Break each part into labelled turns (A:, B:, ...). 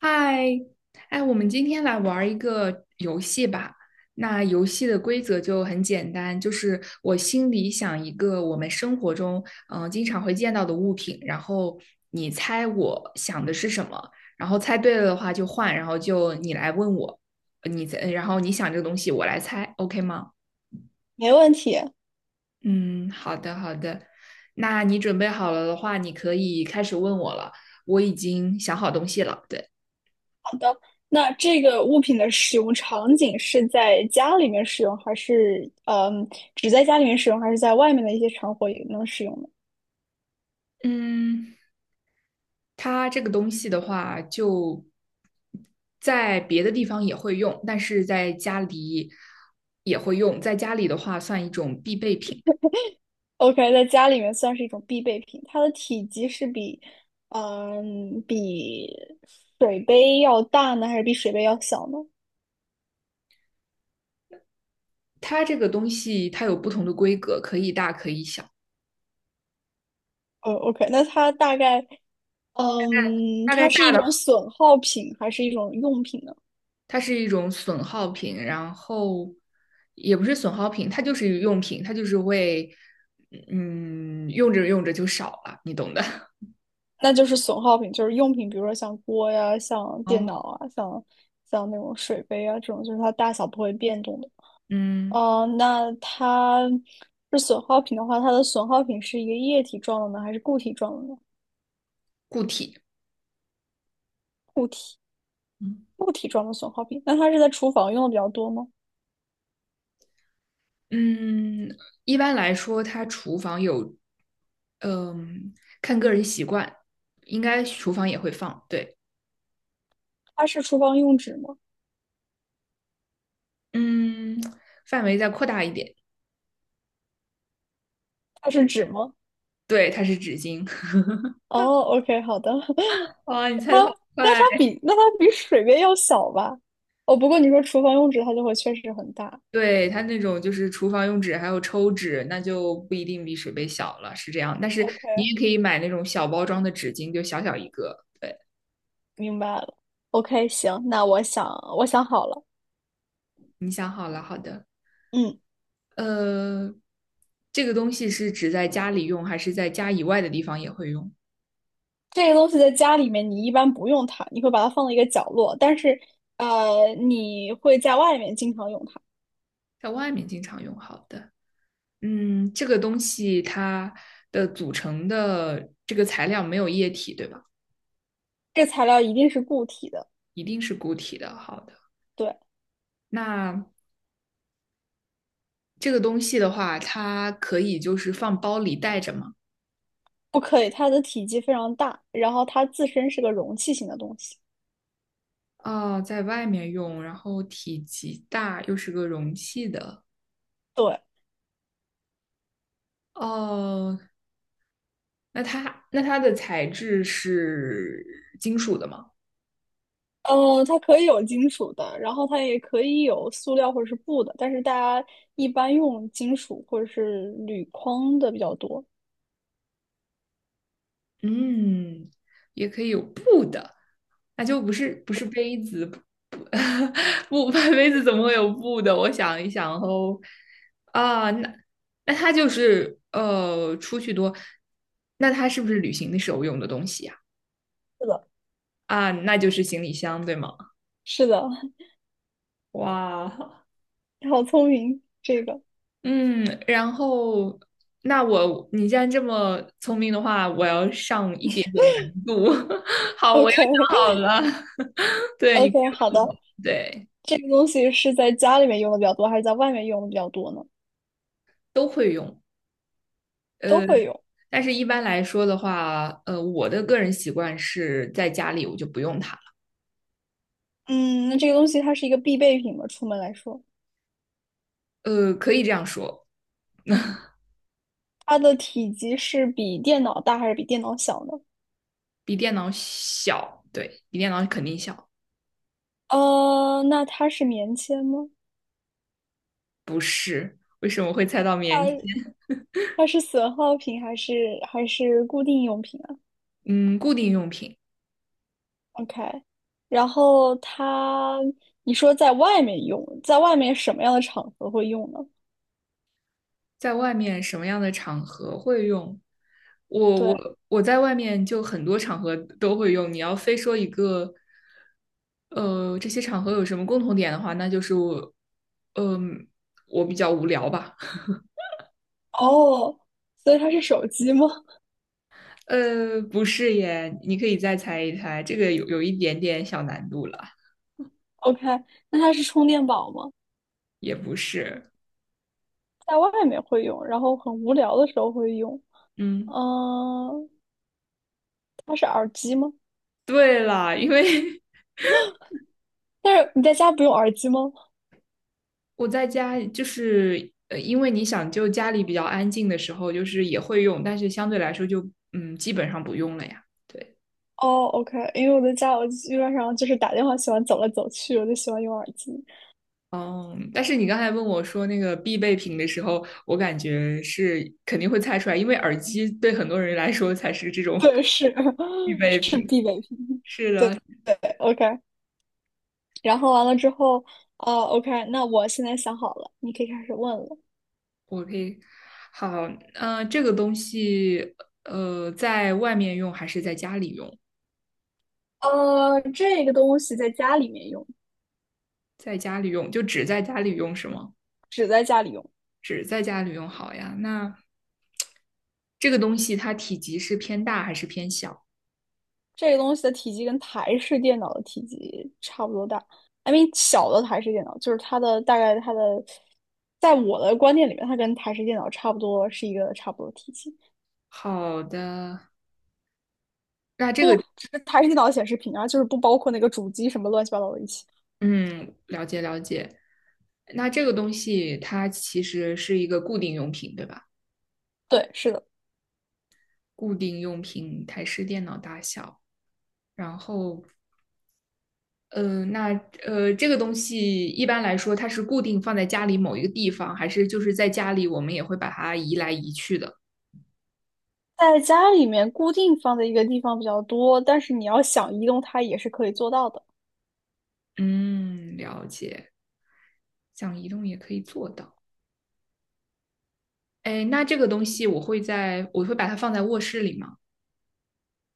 A: 嗨，哎，我们今天来玩儿一个游戏吧。那游戏的规则就很简单，就是我心里想一个我们生活中经常会见到的物品，然后你猜我想的是什么，然后猜对了的话就换，然后就你来问我，你猜，然后你想这个东西我来猜，OK 吗？
B: 没问题。
A: 嗯，好的好的。那你准备好了的话，你可以开始问我了。我已经想好东西了，对。
B: 好的，那这个物品的使用场景是在家里面使用，还是只在家里面使用，还是在外面的一些场合也能使用呢
A: 嗯，它这个东西的话，就在别的地方也会用，但是在家里也会用。在家里的话，算一种必备品。
B: ？OK,在家里面算是一种必备品，它的体积是比比水杯要大呢，还是比水杯要小呢？
A: 它这个东西它有不同的规格，可以大可以小。
B: OK,那它大概嗯，
A: 大概
B: 它是
A: 大
B: 一
A: 的，
B: 种损耗品，还是一种用品呢？
A: 它是一种损耗品，然后也不是损耗品，它就是用品，它就是为用着用着就少了，你懂的。
B: 那就是损耗品，就是用品，比如说像锅呀、像电
A: 哦，
B: 脑啊、像那种水杯啊这种，就是它大小不会变动的。
A: 嗯，
B: 哦，那它是损耗品的话，它的损耗品是一个液体状的呢，还是固体状的呢？
A: 固体。
B: 固体。固体状的损耗品，那它是在厨房用的比较多吗？
A: 嗯，一般来说，它厨房有嗯，看个人习惯，应该厨房也会放。对，
B: 它是厨房用纸吗？
A: 嗯，范围再扩大一点。
B: 它是纸吗？
A: 对，它是纸巾。
B: 哦，OK,好的。
A: 哇，你猜
B: 它
A: 的好
B: 那
A: 快！
B: 它比那它比水杯要小吧？哦，不过你说厨房用纸，它就会确实很大。
A: 对，它那种就是厨房用纸，还有抽纸，那就不一定比水杯小了，是这样。但是你
B: OK。
A: 也可以买那种小包装的纸巾，就小小一个。对，
B: 明白了。OK,行，那我想好了，
A: 你想好了，好的。
B: 嗯，
A: 呃，这个东西是指在家里用，还是在家以外的地方也会用？
B: 这个东西在家里面你一般不用它，你会把它放到一个角落，但是你会在外面经常用它。
A: 在外面经常用。好的。嗯，这个东西它的组成的这个材料没有液体，对吧？
B: 这材料一定是固体的，
A: 一定是固体的。好的，
B: 对，
A: 那这个东西的话，它可以就是放包里带着吗？
B: 不可以，它的体积非常大，然后它自身是个容器型的东西，
A: 哦，在外面用，然后体积大，又是个容器的。
B: 对，
A: 哦，那它的材质是金属的吗？
B: 嗯、它可以有金属的，然后它也可以有塑料或者是布的，但是大家一般用金属或者是铝框的比较多。
A: 嗯，也可以有布的，那就不是杯子，不 不，杯子怎么会有布的？我想一想哦，啊，那它就是出去多，那它是不是旅行的时候用的东西呀？
B: 是的，
A: 啊，那就是行李箱，对吗？
B: 是的，
A: 哇
B: 好聪明，这个。
A: 嗯，然后你既然这么聪明的话，我要上一点点难度。好，我又
B: OK
A: 想好了，对，你可
B: OK,好
A: 以问
B: 的。
A: 我，对。
B: 这个东西是在家里面用的比较多，还是在外面用的比较多呢？
A: 都会用。
B: 都
A: 呃，
B: 会用。
A: 但是一般来说的话，我的个人习惯是在家里我就不用它了。
B: 嗯，那这个东西它是一个必备品吗？出门来说，
A: 呃，可以这样说，
B: 它的体积是比电脑大还是比电脑小呢？
A: 比电脑小，对，比电脑肯定小。
B: 那它是棉签吗？
A: 不是，为什么会猜到棉签？
B: 它它是损耗品还是固定用品啊
A: 嗯，固定用品，
B: ？OK,然后它，你说在外面用，在外面什么样的场合会用呢？
A: 在外面什么样的场合会用？我
B: 对，
A: 我我在外面就很多场合都会用。你要非说一个，呃，这些场合有什么共同点的话，那就是我，嗯、我比较无聊吧。
B: 哦，所以它是手机吗？
A: 呃，不是耶，你可以再猜一猜，这个有一点点小难度了，
B: OK,那它是充电宝吗？
A: 也不是。
B: 在外面会用，然后很无聊的时候会用。
A: 嗯，
B: 嗯、它是耳机吗？
A: 对了，因为
B: 但是你在家不用耳机吗？
A: 我在家就是因为你想，就家里比较安静的时候，就是也会用，但是相对来说就嗯，基本上不用了呀。对，
B: 哦，OK,因为我在家，我基本上就是打电话喜欢走来走去，我就喜欢用耳机。
A: 哦，但是你刚才问我说那个必备品的时候，我感觉是肯定会猜出来，因为耳机对很多人来说才是这种
B: 对，是
A: 必 备
B: 是
A: 品。
B: 必备品。
A: 是
B: 对对，OK。然后完了之后，哦，OK,那我现在想好了，你可以开始问了。
A: OK,好，这个东西，在外面用还是在家里用？
B: 呃，这个东西在家里面用，
A: 在家里用，就只在家里用是吗？
B: 只在家里用。
A: 只在家里用好呀。那这个东西它体积是偏大还是偏小？
B: 这个东西的体积跟台式电脑的体积差不多大，I mean 小的台式电脑，就是它的大概它的，在我的观念里面，它跟台式电脑差不多是一个差不多的体积，
A: 好的，那这个，
B: 不只是台式电脑显示屏啊，就是不包括那个主机什么乱七八糟的一起。
A: 嗯，了解了解。那这个东西它其实是一个固定用品，对吧？
B: 对，是的，
A: 固定用品，台式电脑大小，然后嗯，那这个东西一般来说，它是固定放在家里某一个地方，还是就是在家里我们也会把它移来移去的？
B: 在家里面固定放在一个地方比较多，但是你要想移动它也是可以做到的，
A: 嗯，了解，想移动也可以做到。哎，那这个东西我会在，我会把它放在卧室里吗？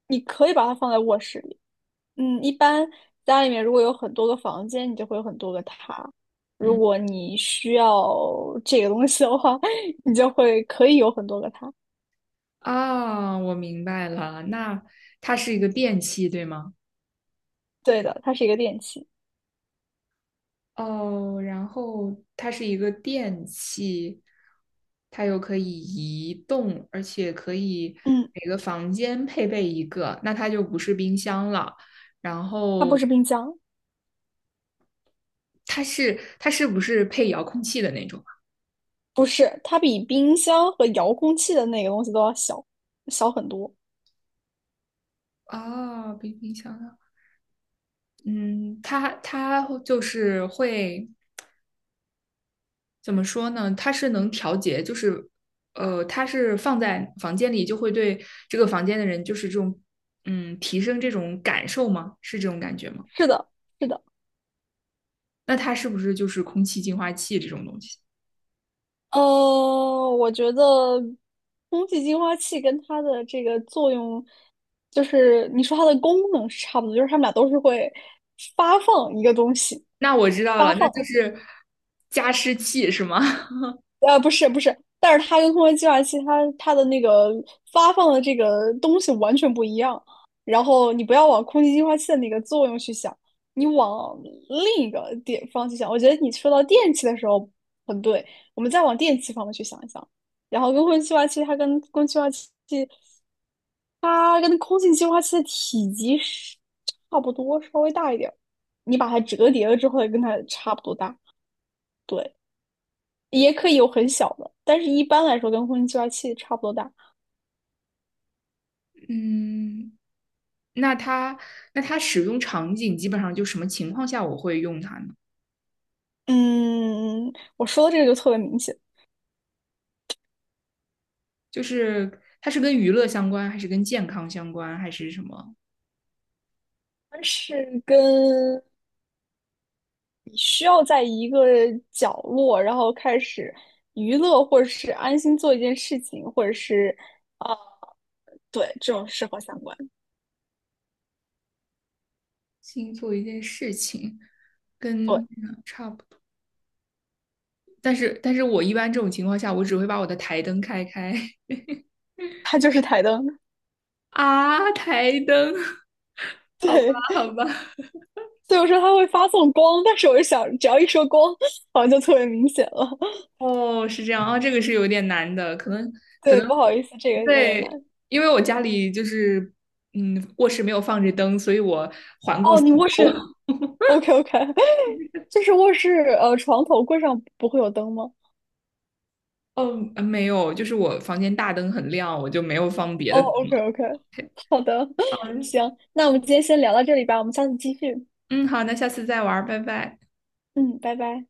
B: 你可以把它放在卧室里。嗯，一般家里面如果有很多个房间，你就会有很多个它。如
A: 嗯，
B: 果你需要这个东西的话，你就会可以有很多个它。
A: 啊，我明白了，那它是一个电器，对吗？
B: 对的，它是一个电器。
A: 哦，然后它是一个电器，它又可以移动，而且可以
B: 嗯，
A: 每个房间配备一个，那它就不是冰箱了。然
B: 它不
A: 后
B: 是冰箱，
A: 它是不是配遥控器的那种
B: 不是，它比冰箱和遥控器的那个东西都要小，小很多。
A: 啊？哦，比冰箱啊，嗯，它就是会。怎么说呢？它是能调节，就是它是放在房间里，就会对这个房间的人，就是这种嗯，提升这种感受吗？是这种感觉吗？
B: 是的，是的。
A: 那它是不是就是空气净化器这种东西？
B: 呃，我觉得空气净化器跟它的这个作用，就是你说它的功能是差不多，就是它们俩都是会发放一个东西，
A: 那我知道
B: 发
A: 了，那就
B: 放。
A: 是加湿器是吗？
B: 不是不是，但是它跟空气净化器它的那个发放的这个东西完全不一样。然后你不要往空气净化器的那个作用去想，你往另一个点方去想。我觉得你说到电器的时候很对，我们再往电器方面去想一想。然后跟空气净化器，它跟空气净化器的体积是差不多，稍微大一点儿。你把它折叠了之后，跟它差不多大。对，也可以有很小的，但是一般来说跟空气净化器差不多大。
A: 嗯，那它使用场景基本上就什么情况下我会用它呢？
B: 嗯，我说的这个就特别明显，
A: 就是它是跟娱乐相关，还是跟健康相关，还是什么？
B: 它是跟你需要在一个角落，然后开始娱乐或者是安心做一件事情，或者是啊、对，这种适合相关。
A: 新做一件事情，
B: 对，
A: 跟但是我一般这种情况下，我只会把我的台灯开开
B: 它就是台灯。
A: 啊，台灯，好吧
B: 对，
A: 好吧，
B: 所以我说它会发送光，但是我就想，只要一说光，好像就特别明显了。
A: 哦，是这样啊，这个是有点难的，可
B: 对，
A: 能
B: 不好意思，这个有点难。
A: 对，因为我家里就是卧室没有放着灯，所以我环顾
B: 哦，
A: 四
B: 你卧室
A: 周，
B: ，OK OK,就是卧室床头柜上不会有灯吗？
A: 哦没有，就是我房间大灯很亮，我就没有放别
B: 哦
A: 的灯
B: ，OK
A: 了。
B: OK,
A: OK,
B: 好的，行，那我们今天先聊到这里吧，我们下次继续。
A: 嗯，好，那下次再玩儿，拜拜。
B: 嗯，拜拜。